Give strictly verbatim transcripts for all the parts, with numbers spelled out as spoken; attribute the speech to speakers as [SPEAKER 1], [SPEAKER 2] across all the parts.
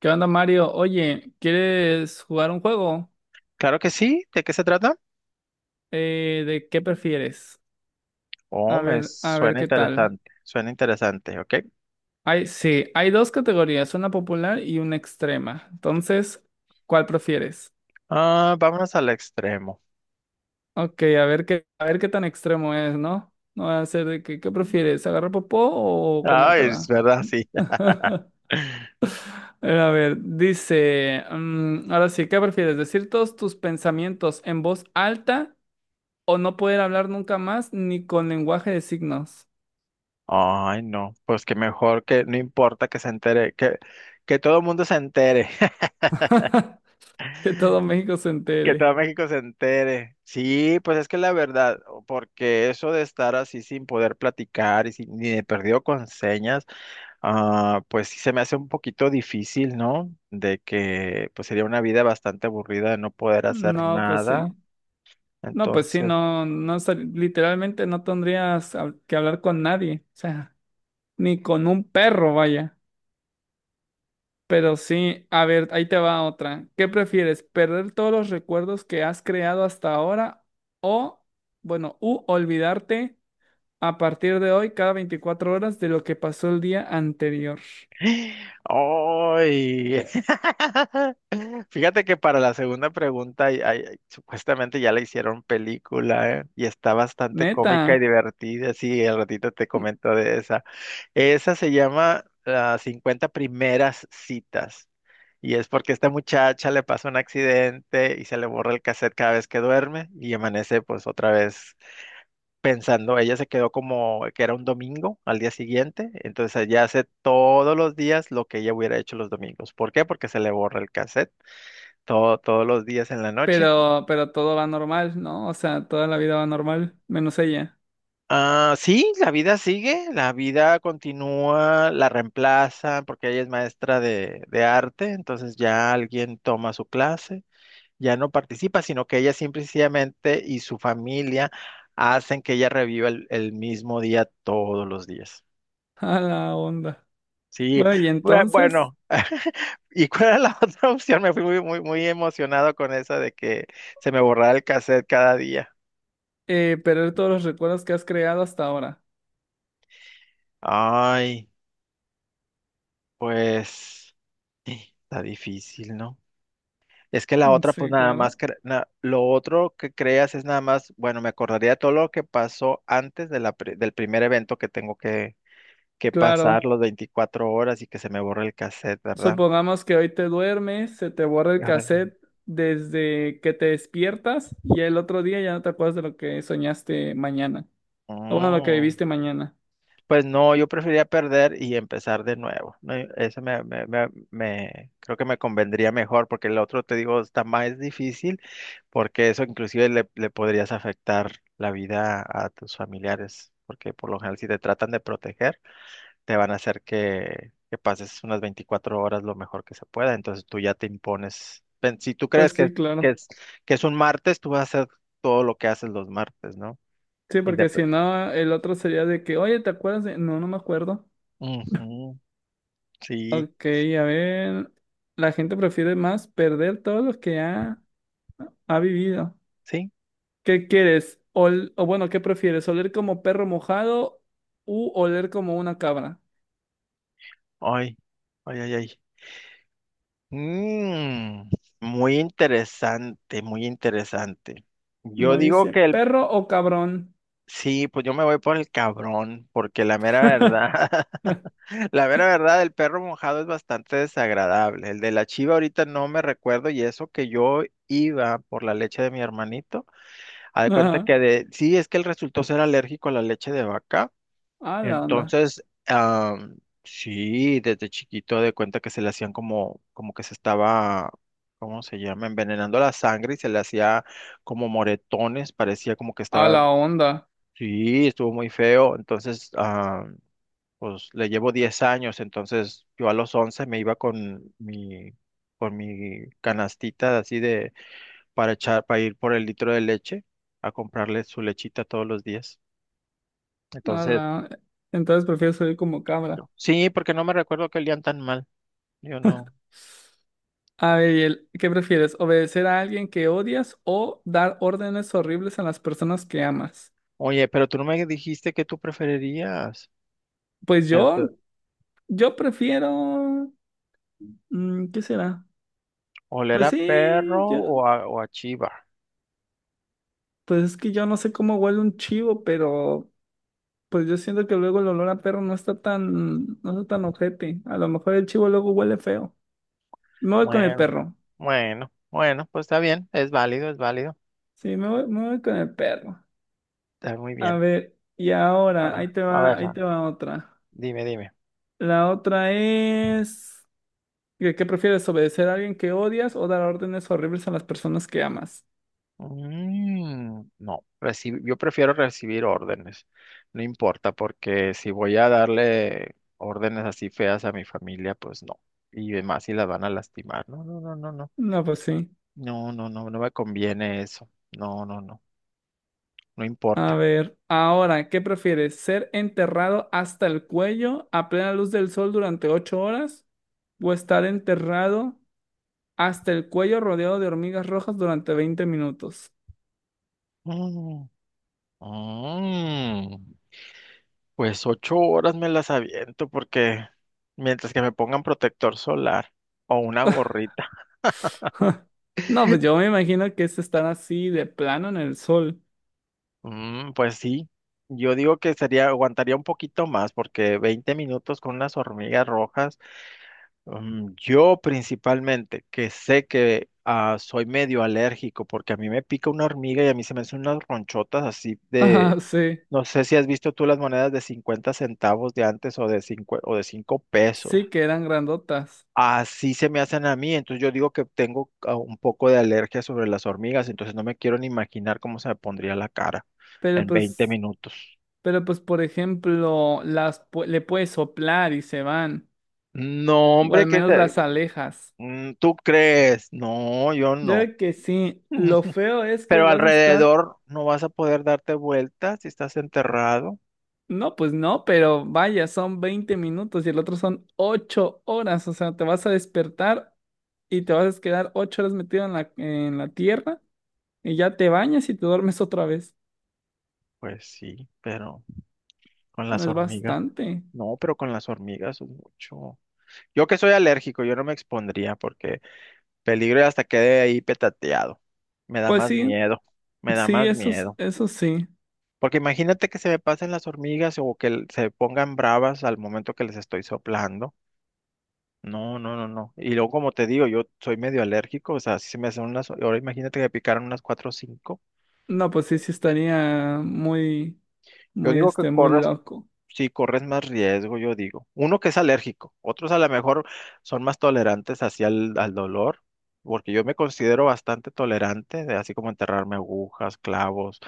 [SPEAKER 1] ¿Qué onda, Mario? Oye, ¿quieres jugar un juego?
[SPEAKER 2] Claro que sí. ¿De qué se trata?
[SPEAKER 1] Eh, ¿de qué prefieres?
[SPEAKER 2] Oh,
[SPEAKER 1] A
[SPEAKER 2] me
[SPEAKER 1] ver, a ver
[SPEAKER 2] suena
[SPEAKER 1] qué tal.
[SPEAKER 2] interesante. Suena interesante, ¿ok?
[SPEAKER 1] Hay, sí, hay dos categorías, una popular y una extrema. Entonces, ¿cuál prefieres?
[SPEAKER 2] Ah, vámonos al extremo.
[SPEAKER 1] Ok, a ver qué, a ver qué tan extremo es, ¿no? No va a ser de que, ¿qué prefieres? ¿Agarrar popó o
[SPEAKER 2] Ay, es
[SPEAKER 1] comértela?
[SPEAKER 2] verdad, sí.
[SPEAKER 1] A ver, dice, mm, ahora sí, ¿qué prefieres? ¿Decir todos tus pensamientos en voz alta o no poder hablar nunca más ni con lenguaje de signos?
[SPEAKER 2] Ay, no. Pues que mejor que no importa que se entere, que, que todo el mundo se entere,
[SPEAKER 1] Que todo México se
[SPEAKER 2] que
[SPEAKER 1] entere.
[SPEAKER 2] todo México se entere. Sí, pues es que la verdad, o- porque eso de estar así sin poder platicar y sin, ni de perdido con señas, ah, pues sí se me hace un poquito difícil, ¿no? De que pues sería una vida bastante aburrida de no poder hacer
[SPEAKER 1] No, pues
[SPEAKER 2] nada.
[SPEAKER 1] sí. No, pues sí,
[SPEAKER 2] Entonces,
[SPEAKER 1] no, no, sal- literalmente no tendrías hab- que hablar con nadie, o sea, ni con un perro, vaya. Pero sí, a ver, ahí te va otra. ¿Qué prefieres, perder todos los recuerdos que has creado hasta ahora o, bueno, u olvidarte a partir de hoy cada veinticuatro horas de lo que pasó el día anterior?
[SPEAKER 2] ¡ay! Fíjate que para la segunda pregunta, ay, ay, ay, supuestamente ya la hicieron película, ¿eh? Y está bastante cómica y
[SPEAKER 1] Neta.
[SPEAKER 2] divertida. Sí, al ratito te comento de esa. Esa se llama Las cincuenta primeras citas. Y es porque esta muchacha le pasa un accidente y se le borra el cassette cada vez que duerme y amanece pues otra vez pensando, ella se quedó como que era un domingo al día siguiente, entonces ella hace todos los días lo que ella hubiera hecho los domingos. ¿Por qué? Porque se le borra el cassette todo, todos los días en la noche.
[SPEAKER 1] Pero, pero todo va normal, ¿no? O sea, toda la vida va normal, menos ella.
[SPEAKER 2] Ah, sí, la vida sigue, la vida continúa, la reemplaza, porque ella es maestra de, de arte, entonces ya alguien toma su clase, ya no participa, sino que ella simple y sencillamente y su familia hacen que ella reviva el el mismo día todos los días.
[SPEAKER 1] A la onda.
[SPEAKER 2] Sí,
[SPEAKER 1] Bueno, y
[SPEAKER 2] bue-
[SPEAKER 1] entonces,
[SPEAKER 2] bueno, ¿y cuál era la otra opción? Me fui muy, muy, muy emocionado con esa de que se me borrara el cassette cada día.
[SPEAKER 1] eh, perder todos los recuerdos que has creado hasta ahora.
[SPEAKER 2] Ay, pues está difícil, ¿no? Es que la
[SPEAKER 1] Mm,
[SPEAKER 2] otra, pues
[SPEAKER 1] sí,
[SPEAKER 2] nada más,
[SPEAKER 1] claro.
[SPEAKER 2] cre- na- lo otro que creas es nada más, bueno, me acordaría todo lo que pasó antes de la pri- del primer evento que tengo que, que pasar
[SPEAKER 1] Claro.
[SPEAKER 2] los veinticuatro horas y que se me borre el cassette, ¿verdad?
[SPEAKER 1] Supongamos que hoy te duermes, se te borra el cassette desde que te despiertas y el otro día ya no te acuerdas de lo que soñaste mañana. O bueno, lo que
[SPEAKER 2] Órale.
[SPEAKER 1] viviste mañana.
[SPEAKER 2] Pues no, yo prefería perder y empezar de nuevo. No, eso me, me- me- me- creo que me convendría mejor, porque el otro, te digo, está más difícil, porque eso inclusive le, le podrías afectar la vida a tus familiares, porque por lo general si te tratan de proteger, te van a hacer que, que pases unas veinticuatro horas lo mejor que se pueda. Entonces tú ya te impones. Pen- Si tú crees
[SPEAKER 1] Pues
[SPEAKER 2] que,
[SPEAKER 1] sí,
[SPEAKER 2] que
[SPEAKER 1] claro.
[SPEAKER 2] es, que es un martes, tú vas a hacer todo lo que haces los martes, ¿no?
[SPEAKER 1] Sí, porque
[SPEAKER 2] Indep-
[SPEAKER 1] si no, el otro sería de que, oye, ¿te acuerdas de? No, no me acuerdo.
[SPEAKER 2] Ujú, sí,
[SPEAKER 1] Ok, a ver. La gente prefiere más perder todo lo que ha, ha vivido.
[SPEAKER 2] sí.
[SPEAKER 1] ¿Qué quieres? Ol- o bueno, ¿qué prefieres? ¿Oler como perro mojado u oler como una cabra?
[SPEAKER 2] Ay, ay, ay, ay. Mm, muy interesante, muy interesante. Yo
[SPEAKER 1] Me
[SPEAKER 2] digo
[SPEAKER 1] dice,
[SPEAKER 2] que el,
[SPEAKER 1] ¿perro o cabrón?
[SPEAKER 2] sí, pues yo me voy por el cabrón, porque la mera verdad, la mera verdad, el perro mojado es bastante desagradable. El de la chiva ahorita no me recuerdo y eso que yo iba por la leche de mi hermanito, haz de cuenta
[SPEAKER 1] Ajá.
[SPEAKER 2] que de, sí, es que él resultó ser alérgico a la leche de vaca.
[SPEAKER 1] A la onda.
[SPEAKER 2] Entonces, am, sí, desde chiquito de cuenta que se le hacían como, como que se estaba, ¿cómo se llama? Envenenando la sangre y se le hacía como moretones, parecía como que
[SPEAKER 1] A
[SPEAKER 2] estaba,
[SPEAKER 1] la onda.
[SPEAKER 2] sí, estuvo muy feo. Entonces, am, pues le llevo diez años, entonces yo a los once me iba con mi, con mi canastita así de, para echar, para ir por el litro de leche a comprarle su lechita todos los días.
[SPEAKER 1] A
[SPEAKER 2] Entonces,
[SPEAKER 1] la... Entonces prefiero oler como cabra.
[SPEAKER 2] sí, porque no me recuerdo que olían tan mal. Yo no.
[SPEAKER 1] A ver, y el- ¿qué prefieres? ¿Obedecer a alguien que odias o dar órdenes horribles a las personas que amas?
[SPEAKER 2] Oye, pero tú no me dijiste que tú preferirías.
[SPEAKER 1] Pues
[SPEAKER 2] Te-
[SPEAKER 1] yo,
[SPEAKER 2] te-
[SPEAKER 1] yo prefiero. mm, ¿Qué será?
[SPEAKER 2] ¿Oler
[SPEAKER 1] Pues
[SPEAKER 2] a perro
[SPEAKER 1] sí, yo.
[SPEAKER 2] o a, o a chiva?
[SPEAKER 1] Pues es que yo no sé cómo huele un chivo, pero. Pues yo siento que luego el olor a perro no está tan, no está tan ojete. A lo mejor el chivo luego huele feo. Me voy con el
[SPEAKER 2] Bueno,
[SPEAKER 1] perro.
[SPEAKER 2] bueno, bueno, pues está bien, es válido, es válido.
[SPEAKER 1] Sí, me voy, me voy con el perro.
[SPEAKER 2] Está muy
[SPEAKER 1] A
[SPEAKER 2] bien.
[SPEAKER 1] ver, y ahora,
[SPEAKER 2] Ahora,
[SPEAKER 1] ahí te
[SPEAKER 2] a
[SPEAKER 1] va,
[SPEAKER 2] ver,
[SPEAKER 1] ahí te
[SPEAKER 2] Ran,
[SPEAKER 1] va otra.
[SPEAKER 2] dime, dime.
[SPEAKER 1] La otra es, ¿qué, qué prefieres, obedecer a alguien que odias o dar órdenes horribles a las personas que amas?
[SPEAKER 2] Mm, no, reci- yo prefiero recibir órdenes. No importa, porque si voy a darle órdenes así feas a mi familia, pues no. Y más si las van a lastimar. No, no, no, no, no.
[SPEAKER 1] No, pues sí.
[SPEAKER 2] No, no, no, no me conviene eso. No, no, no. No
[SPEAKER 1] A
[SPEAKER 2] importa.
[SPEAKER 1] ver, ahora, ¿qué prefieres? ¿Ser enterrado hasta el cuello a plena luz del sol durante ocho horas? ¿O estar enterrado hasta el cuello rodeado de hormigas rojas durante veinte minutos?
[SPEAKER 2] Mm, mm, pues ocho horas me las aviento porque mientras que me pongan protector solar o una gorrita.
[SPEAKER 1] No, pues yo me imagino que es estar así de plano en el sol.
[SPEAKER 2] Mm, pues sí, yo digo que sería, aguantaría un poquito más porque veinte minutos con unas hormigas rojas. Mm, yo principalmente, que sé que ah, soy medio alérgico porque a mí me pica una hormiga y a mí se me hacen unas ronchotas así de,
[SPEAKER 1] Ah, sí,
[SPEAKER 2] no sé si has visto tú las monedas de cincuenta centavos de antes o de cinco o de cinco pesos.
[SPEAKER 1] sí que eran grandotas.
[SPEAKER 2] Así se me hacen a mí, entonces yo digo que tengo ah, un poco de alergia sobre las hormigas, entonces no me quiero ni imaginar cómo se me pondría la cara
[SPEAKER 1] Pero
[SPEAKER 2] en veinte
[SPEAKER 1] pues,
[SPEAKER 2] minutos.
[SPEAKER 1] pero pues, por ejemplo, las pu- le puedes soplar y se van.
[SPEAKER 2] No,
[SPEAKER 1] O al
[SPEAKER 2] hombre, que
[SPEAKER 1] menos
[SPEAKER 2] se-
[SPEAKER 1] las alejas.
[SPEAKER 2] mm, ¿tú crees? No, yo
[SPEAKER 1] Yo
[SPEAKER 2] no.
[SPEAKER 1] creo que sí. Lo feo es que
[SPEAKER 2] Pero
[SPEAKER 1] vas a estar.
[SPEAKER 2] alrededor no vas a poder darte vueltas si estás enterrado.
[SPEAKER 1] No, pues no, pero vaya, son veinte minutos y el otro son ocho horas. O sea, te vas a despertar y te vas a quedar ocho horas metido en la, en la, tierra y ya te bañas y te duermes otra vez.
[SPEAKER 2] Pues sí, pero con
[SPEAKER 1] No
[SPEAKER 2] las
[SPEAKER 1] es
[SPEAKER 2] hormigas.
[SPEAKER 1] bastante.
[SPEAKER 2] No, pero con las hormigas es mucho. Yo que soy alérgico, yo no me expondría porque peligro y hasta quede ahí petateado. Me da
[SPEAKER 1] Pues
[SPEAKER 2] más
[SPEAKER 1] sí,
[SPEAKER 2] miedo, me da
[SPEAKER 1] sí,
[SPEAKER 2] más
[SPEAKER 1] eso, es-
[SPEAKER 2] miedo.
[SPEAKER 1] eso sí.
[SPEAKER 2] Porque imagínate que se me pasen las hormigas o que se pongan bravas al momento que les estoy soplando. No, no, no, no. Y luego, como te digo, yo soy medio alérgico, o sea, si se me hacen unas, ahora imagínate que me picaron unas cuatro o cinco.
[SPEAKER 1] No, pues sí, sí estaría muy,
[SPEAKER 2] Yo
[SPEAKER 1] muy,
[SPEAKER 2] digo que
[SPEAKER 1] este, muy
[SPEAKER 2] corres.
[SPEAKER 1] loco.
[SPEAKER 2] Sí, corres más riesgo, yo digo. Uno que es alérgico, otros a lo mejor son más tolerantes hacia el, al dolor, porque yo me considero bastante tolerante, de así como enterrarme agujas, clavos,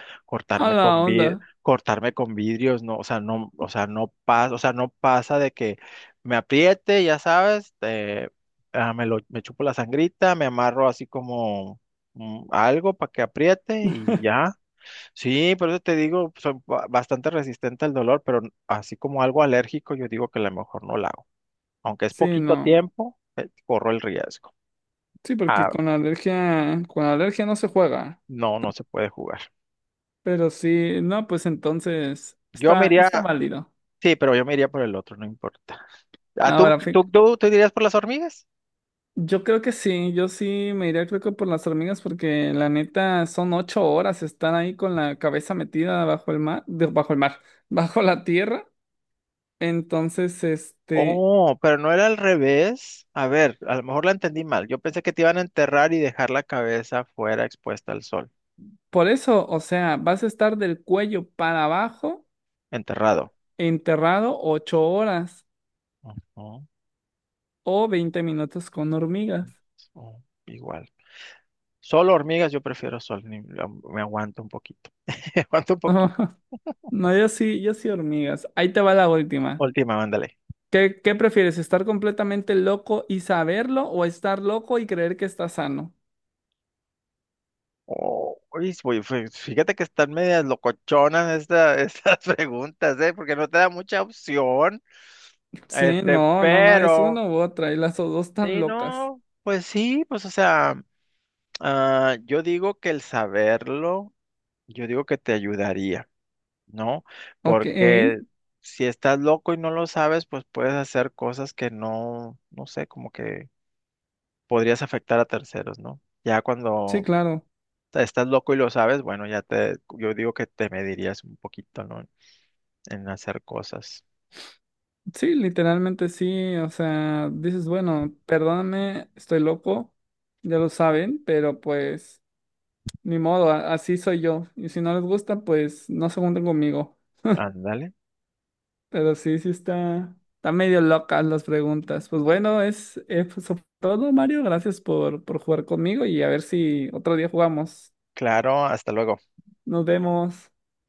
[SPEAKER 1] A
[SPEAKER 2] cortarme
[SPEAKER 1] la
[SPEAKER 2] con
[SPEAKER 1] onda.
[SPEAKER 2] vid- cortarme con vidrios, no, o sea, no, o sea, no pasa, o sea, no pasa de que me apriete, ya sabes, eh, ah, me lo, me chupo la sangrita, me amarro así como mm, algo para que apriete y ya. Sí, por eso te digo, soy ba- bastante resistente al dolor, pero n- así como algo alérgico, yo digo que a lo mejor no la hago. Aunque es
[SPEAKER 1] Sí,
[SPEAKER 2] poquito
[SPEAKER 1] no.
[SPEAKER 2] tiempo, eh, corro el riesgo.
[SPEAKER 1] Sí, porque
[SPEAKER 2] Ah,
[SPEAKER 1] con la alergia, con la alergia no se juega.
[SPEAKER 2] no, no se puede jugar.
[SPEAKER 1] Pero sí, no, pues entonces
[SPEAKER 2] Yo me
[SPEAKER 1] está,
[SPEAKER 2] iría,
[SPEAKER 1] está
[SPEAKER 2] ah,
[SPEAKER 1] válido.
[SPEAKER 2] sí, pero yo me iría por el otro, no importa. Ah, ¿tú,
[SPEAKER 1] Ahora, fí-
[SPEAKER 2] tú, tú te dirías por las hormigas?
[SPEAKER 1] yo creo que sí, yo sí me iría creo que por las hormigas porque la neta son ocho horas estar ahí con la cabeza metida bajo el mar, de- bajo el mar, bajo la tierra. Entonces, este,
[SPEAKER 2] Oh, pero no era al revés. A ver, a lo mejor la entendí mal. Yo pensé que te iban a enterrar y dejar la cabeza fuera expuesta al sol,
[SPEAKER 1] por eso, o sea, vas a estar del cuello para abajo o-
[SPEAKER 2] enterrado.
[SPEAKER 1] enterrado ocho horas
[SPEAKER 2] Ujú,
[SPEAKER 1] o veinte minutos con hormigas.
[SPEAKER 2] ujú, igual. Solo hormigas, yo prefiero sol, ni- me aguanto un poquito. Me aguanto un poquito.
[SPEAKER 1] No, yo sí, yo sí hormigas. Ahí te va la última.
[SPEAKER 2] Última, mándale.
[SPEAKER 1] ¿Qué, qué prefieres? ¿Estar completamente loco y saberlo o estar loco y creer que está sano?
[SPEAKER 2] Oh, uy, fue- fue- fíjate que están medias locochonas esta- estas preguntas, ¿eh? Porque no te da mucha opción.
[SPEAKER 1] Sí,
[SPEAKER 2] Este,
[SPEAKER 1] no, no, no, es una
[SPEAKER 2] pero,
[SPEAKER 1] u otra y las dos tan
[SPEAKER 2] sí,
[SPEAKER 1] locas.
[SPEAKER 2] no, pues sí, pues o sea, ah, yo digo que el saberlo, yo digo que te ayudaría, ¿no?
[SPEAKER 1] Ok,
[SPEAKER 2] Porque si estás loco y no lo sabes, pues puedes hacer cosas que no, no sé, como que podrías afectar a terceros, ¿no? Ya
[SPEAKER 1] sí,
[SPEAKER 2] cuando
[SPEAKER 1] claro.
[SPEAKER 2] estás loco y lo sabes, bueno, ya te, yo digo que te medirías un poquito, ¿no? En hacer cosas.
[SPEAKER 1] Sí, literalmente sí, o sea, dices, bueno, perdóname, estoy loco, ya lo saben, pero pues ni modo, a- así soy yo. Y si no les gusta, pues no se junten conmigo.
[SPEAKER 2] Ándale.
[SPEAKER 1] Pero sí, sí está, está medio locas las preguntas. Pues bueno, es, eh, pues, sobre todo, Mario, gracias por, por jugar conmigo y a ver si otro día jugamos.
[SPEAKER 2] Claro, hasta luego.
[SPEAKER 1] Nos vemos.